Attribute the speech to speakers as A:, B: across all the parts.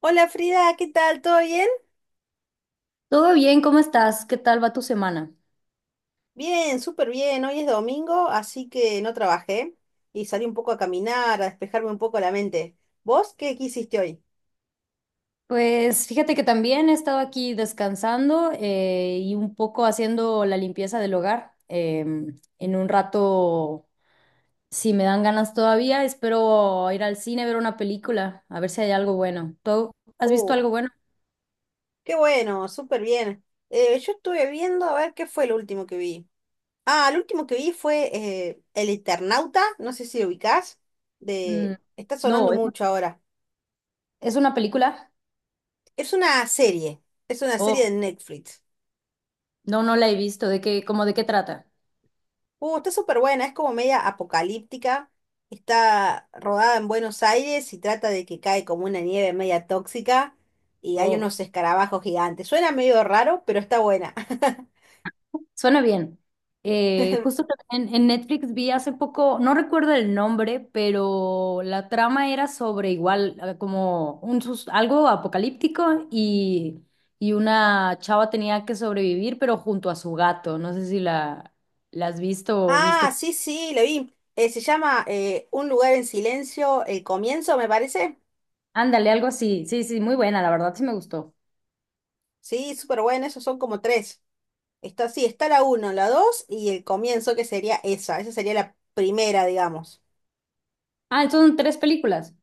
A: Hola Frida, ¿qué tal? ¿Todo bien?
B: Todo bien, ¿cómo estás? ¿Qué tal va tu semana?
A: Bien, súper bien. Hoy es domingo, así que no trabajé y salí un poco a caminar, a despejarme un poco la mente. ¿Vos qué hiciste hoy?
B: Pues fíjate que también he estado aquí descansando y un poco haciendo la limpieza del hogar. En un rato, si me dan ganas todavía, espero ir al cine a ver una película, a ver si hay algo bueno. ¿Tú has visto
A: Oh,
B: algo bueno?
A: qué bueno, súper bien. Yo estuve viendo a ver qué fue lo último que vi. Ah, lo último que vi fue El Eternauta, no sé si lo ubicás,
B: Mm,
A: está sonando
B: no, ¿es
A: mucho ahora.
B: es una película?
A: Es una serie, es una
B: Oh,
A: serie de Netflix.
B: no, no la he visto. ¿De qué, cómo de qué trata?
A: Está súper buena, es como media apocalíptica. Está rodada en Buenos Aires y trata de que cae como una nieve media tóxica y hay
B: Oh.
A: unos escarabajos gigantes. Suena medio raro, pero está buena.
B: Suena bien. Justo también en Netflix vi hace poco, no recuerdo el nombre, pero la trama era sobre igual, como algo apocalíptico y una chava tenía que sobrevivir, pero junto a su gato. No sé si la has visto o visto.
A: Ah, sí, sí, lo vi. Se llama Un lugar en silencio, el comienzo, me parece.
B: Ándale, algo así. Sí, sí, muy buena, la verdad sí me gustó.
A: Sí, súper buena, esos son como tres. Está, sí, está la uno, la dos y el comienzo, que sería esa. Esa sería la primera, digamos.
B: Ah, entonces son tres películas.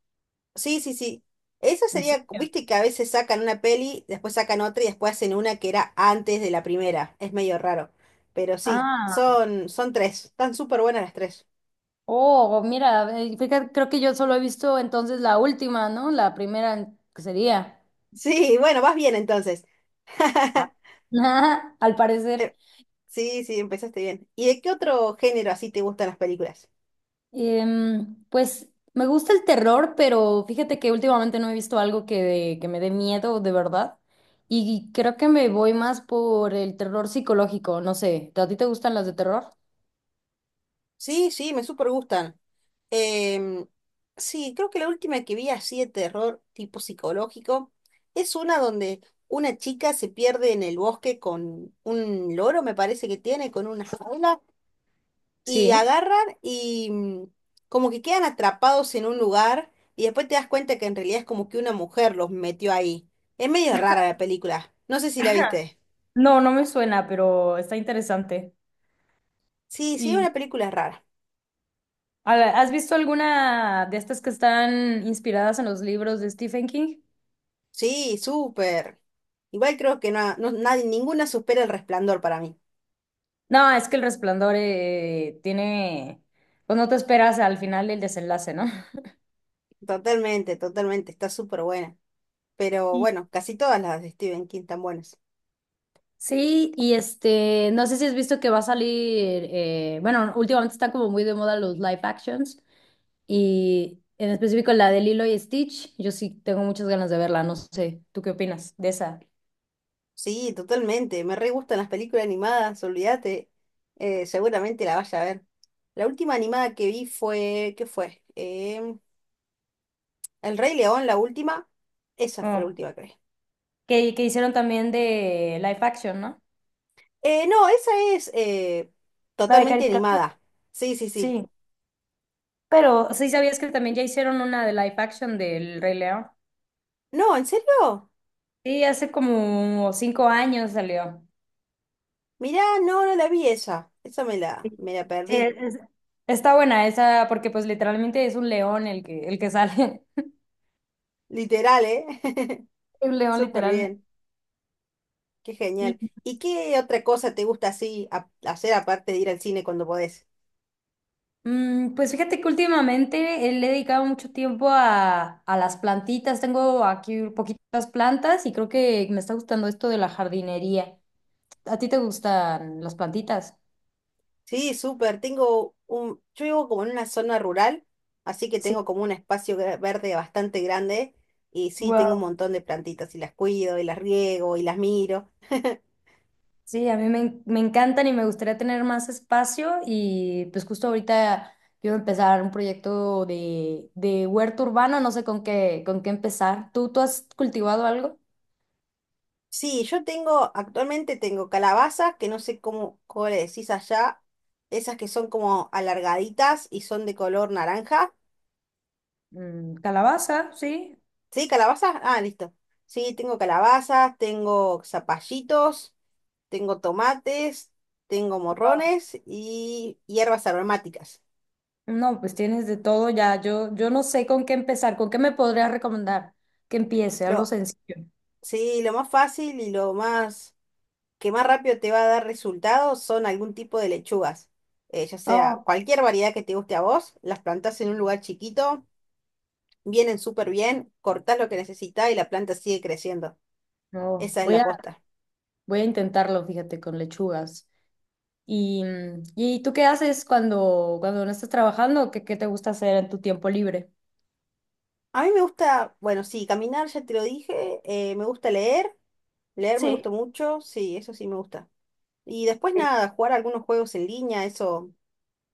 A: Sí, sí, sí. Eso
B: ¿En
A: sería,
B: serio?
A: viste que a veces sacan una peli, después sacan otra y después hacen una que era antes de la primera. Es medio raro. Pero sí,
B: Ah,
A: son, son tres. Están súper buenas las tres.
B: oh, mira, fíjate, creo que yo solo he visto entonces la última, ¿no? La primera que sería.
A: Sí, bueno, vas bien entonces.
B: Al parecer.
A: Eh, Sí, sí, empezaste bien. ¿Y de qué otro género así te gustan las películas?
B: Pues me gusta el terror, pero fíjate que últimamente no he visto algo que me dé miedo de verdad. Y creo que me voy más por el terror psicológico, no sé. ¿A ti te gustan las de terror?
A: Sí, sí, me súper gustan. Em, sí, creo que la última que vi así de terror tipo psicológico es una donde una chica se pierde en el bosque con un loro, me parece que tiene, con una jaula, y
B: Sí.
A: agarran y como que quedan atrapados en un lugar y después te das cuenta que en realidad es como que una mujer los metió ahí. Es medio rara la película. No sé si la
B: Ajá.
A: viste.
B: No, no me suena, pero está interesante.
A: Sí, sí,
B: ¿Y
A: una película rara.
B: has visto alguna de estas que están inspiradas en los libros de Stephen King?
A: Sí, súper. Igual creo que no, nadie, ninguna supera el resplandor para mí.
B: No, es que El Resplandor tiene, pues no te esperas al final el desenlace, ¿no?
A: Totalmente, totalmente, está súper buena. Pero bueno, casi todas las de Stephen King están buenas.
B: Sí, y este, no sé si has visto que va a salir, bueno, últimamente están como muy de moda los live actions y en específico la de Lilo y Stitch, yo sí tengo muchas ganas de verla, no sé, ¿tú qué opinas de esa?
A: Sí, totalmente, me re gustan las películas animadas, olvídate. Seguramente la vaya a ver. La última animada que vi fue, ¿qué fue? El Rey León, la última. Esa fue
B: Mm.
A: la última, creo.
B: Que hicieron también de live action, ¿no?
A: No, esa es
B: La de
A: totalmente
B: caricatura.
A: animada. Sí, sí, sí.
B: Sí, pero sí sabías que también ya hicieron una de live action del Rey León.
A: No, ¿en serio?
B: Sí, hace como cinco años salió.
A: Mirá, no, no la vi esa. Esa me
B: Sí,
A: me la
B: Sí,
A: perdí.
B: es- está buena esa, porque pues literalmente es un león el que sale.
A: Literal, ¿eh?
B: Un león
A: Súper
B: literalmente.
A: bien. Qué
B: Y,
A: genial. ¿Y qué otra cosa te gusta así hacer aparte de ir al cine cuando podés?
B: mm, pues fíjate que últimamente le he dedicado mucho tiempo a las plantitas. Tengo aquí poquitas plantas y creo que me está gustando esto de la jardinería. ¿A ti te gustan las plantitas?
A: Sí, súper. Tengo un... Yo vivo como en una zona rural, así que
B: Sí.
A: tengo como un espacio verde bastante grande. Y sí, tengo un
B: Wow.
A: montón de plantitas y las cuido y las riego y las miro.
B: Sí, a mí me, en- me encantan y me gustaría tener más espacio y pues justo ahorita quiero empezar un proyecto de huerto urbano, no sé con con qué empezar. Tú has cultivado algo?
A: Sí, yo tengo, actualmente tengo calabazas, que no sé cómo le decís allá, esas que son como alargaditas y son de color naranja.
B: Mm, calabaza, sí.
A: ¿Sí, calabazas? Ah, listo. Sí, tengo calabazas, tengo zapallitos, tengo tomates, tengo morrones y hierbas aromáticas.
B: No, pues tienes de todo ya. Yo no sé con qué empezar, con qué me podrías recomendar que empiece, algo
A: Lo,
B: sencillo.
A: sí, lo más fácil y lo más que más rápido te va a dar resultados son algún tipo de lechugas. Ya sea
B: Oh.
A: cualquier variedad que te guste a vos, las plantás en un lugar chiquito, vienen súper bien, cortás lo que necesitas y la planta sigue creciendo.
B: No,
A: Esa es
B: voy
A: la
B: a,
A: posta.
B: voy a intentarlo, fíjate, con lechugas. ¿Y, mm, ¿y tú qué haces cuando no estás trabajando? Qué te gusta hacer en tu tiempo libre?
A: A mí me gusta, bueno, sí, caminar, ya te lo dije, me gusta leer, leer me
B: Sí,
A: gusta mucho, sí, eso sí me gusta. Y después nada, jugar algunos juegos en línea, eso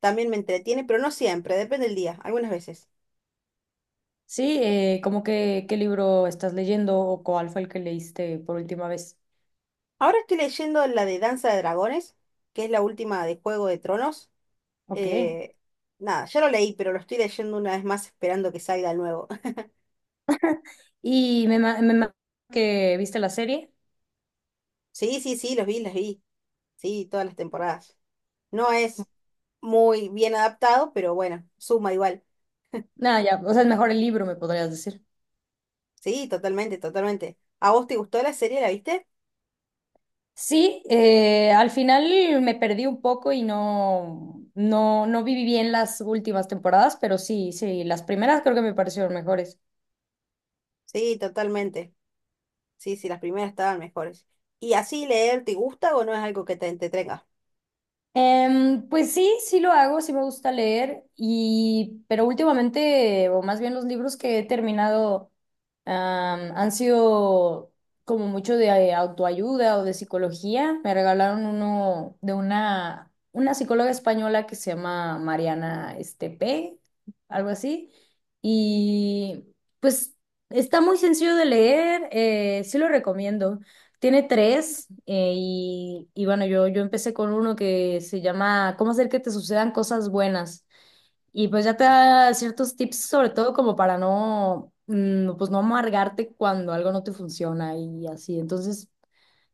A: también me entretiene, pero no siempre, depende del día, algunas veces.
B: sí, ¿cómo que qué libro estás leyendo o cuál fue el que leíste por última vez?
A: Ahora estoy leyendo la de Danza de Dragones, que es la última de Juego de Tronos.
B: Ok.
A: eh, Nada, ya lo leí, pero lo estoy leyendo una vez más esperando que salga el nuevo.
B: Y me, ma- me ma- que viste la serie.
A: Sí, sí, sí, los vi, los vi. Sí, todas las temporadas. No es muy bien adaptado, pero bueno, suma igual.
B: Nada, ya, o sea, es mejor el libro, me podrías decir.
A: Sí, totalmente, totalmente. ¿A vos te gustó la serie? ¿La viste?
B: Sí, al final me perdí un poco y no viví bien las últimas temporadas, pero sí, sí, las primeras creo que me parecieron mejores.
A: Sí, totalmente. Sí, sí, las primeras estaban mejores. ¿Y así leer te gusta o no es algo que te entretenga?
B: Pues sí, sí lo hago, sí me gusta leer, y, pero últimamente, o más bien los libros que he terminado, han sido como mucho de autoayuda o de psicología. Me regalaron uno de una psicóloga española que se llama Mariana Estepe, algo así. Y pues está muy sencillo de leer, sí lo recomiendo. Tiene tres y bueno, yo empecé con uno que se llama ¿Cómo hacer que te sucedan cosas buenas? Y pues ya te da ciertos tips, sobre todo como para no, mm, pues no amargarte cuando algo no te funciona y así. Entonces,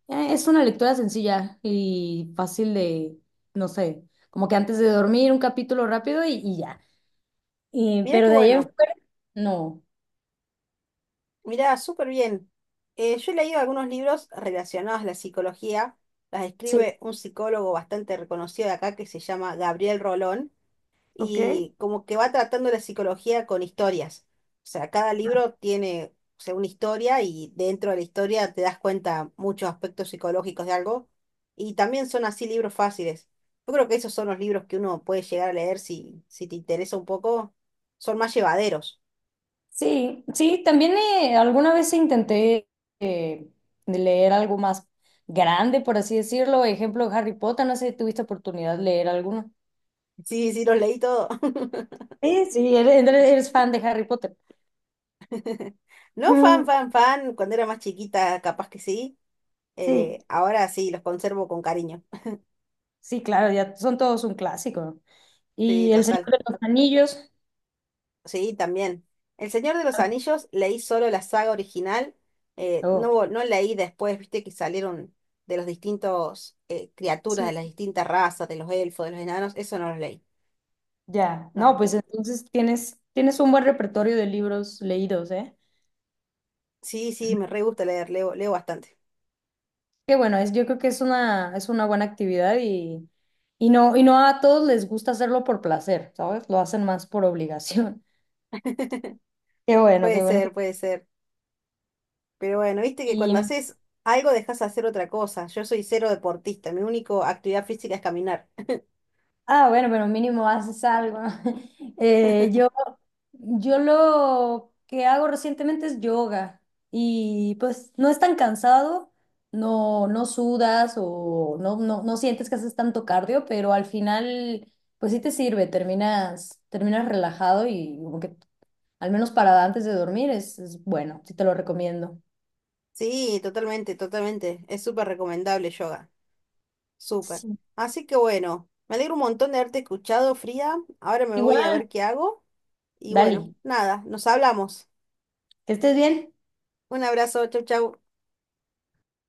B: es una lectura sencilla y fácil de, no sé, como que antes de dormir un capítulo rápido y ya.
A: Mira qué
B: Pero de ahí en
A: bueno,
B: fuera, no.
A: mira súper bien. Yo he leído algunos libros relacionados a la psicología. Las
B: Sí.
A: escribe un psicólogo bastante reconocido de acá que se llama Gabriel Rolón.
B: Ok.
A: Y como que va tratando la psicología con historias. O sea, cada libro tiene, o sea, una historia y dentro de la historia te das cuenta muchos aspectos psicológicos de algo. Y también son así libros fáciles. Yo creo que esos son los libros que uno puede llegar a leer si, si te interesa un poco. Son más llevaderos.
B: Sí, sí, también alguna vez intenté eh, de leer algo más grande, por así decirlo. Ejemplo, Harry Potter, no sé si tuviste oportunidad de leer alguno.
A: Sí, sí, los leí todo.
B: Sí, eres fan de Harry Potter.
A: No fan,
B: Mm,
A: fan, fan. Cuando era más chiquita, capaz que sí.
B: sí,
A: Ahora sí, los conservo con cariño.
B: sí, claro, ya son todos un clásico.
A: Sí,
B: Y El Señor
A: total.
B: de los Anillos.
A: Sí, también. El Señor de los Anillos leí solo la saga original, no,
B: Oh,
A: no leí después, viste que salieron de los distintos criaturas, de
B: sí,
A: las distintas razas, de los elfos, de los enanos, eso no lo leí.
B: ya.
A: No,
B: No,
A: no.
B: pues entonces tienes, tienes un buen repertorio de libros leídos, ¿eh?
A: Sí, sí, me re gusta leer, leo, leo bastante.
B: Qué bueno, yo creo que es una buena actividad y, y no a todos les gusta hacerlo por placer, ¿sabes? Lo hacen más por obligación.
A: Puede
B: Qué bueno que...
A: ser, puede ser. Pero bueno, viste que cuando
B: Y,
A: haces algo dejas de hacer otra cosa. Yo soy cero deportista, mi única actividad física es caminar.
B: ah, bueno, pero mínimo haces algo. Eh, yo, yo lo que hago recientemente es yoga y pues no es tan cansado, no, no sudas o no sientes que haces tanto cardio, pero al final pues sí te sirve, terminas, terminas relajado y como que al menos para antes de dormir es bueno, sí te lo recomiendo.
A: Sí, totalmente, totalmente. Es súper recomendable yoga. Súper.
B: Sí.
A: Así que bueno, me alegro un montón de haberte escuchado, Frida. Ahora me voy a
B: Igual,
A: ver qué hago. Y
B: Dali,
A: bueno, nada, nos hablamos.
B: que estés bien.
A: Un abrazo, chau, chau.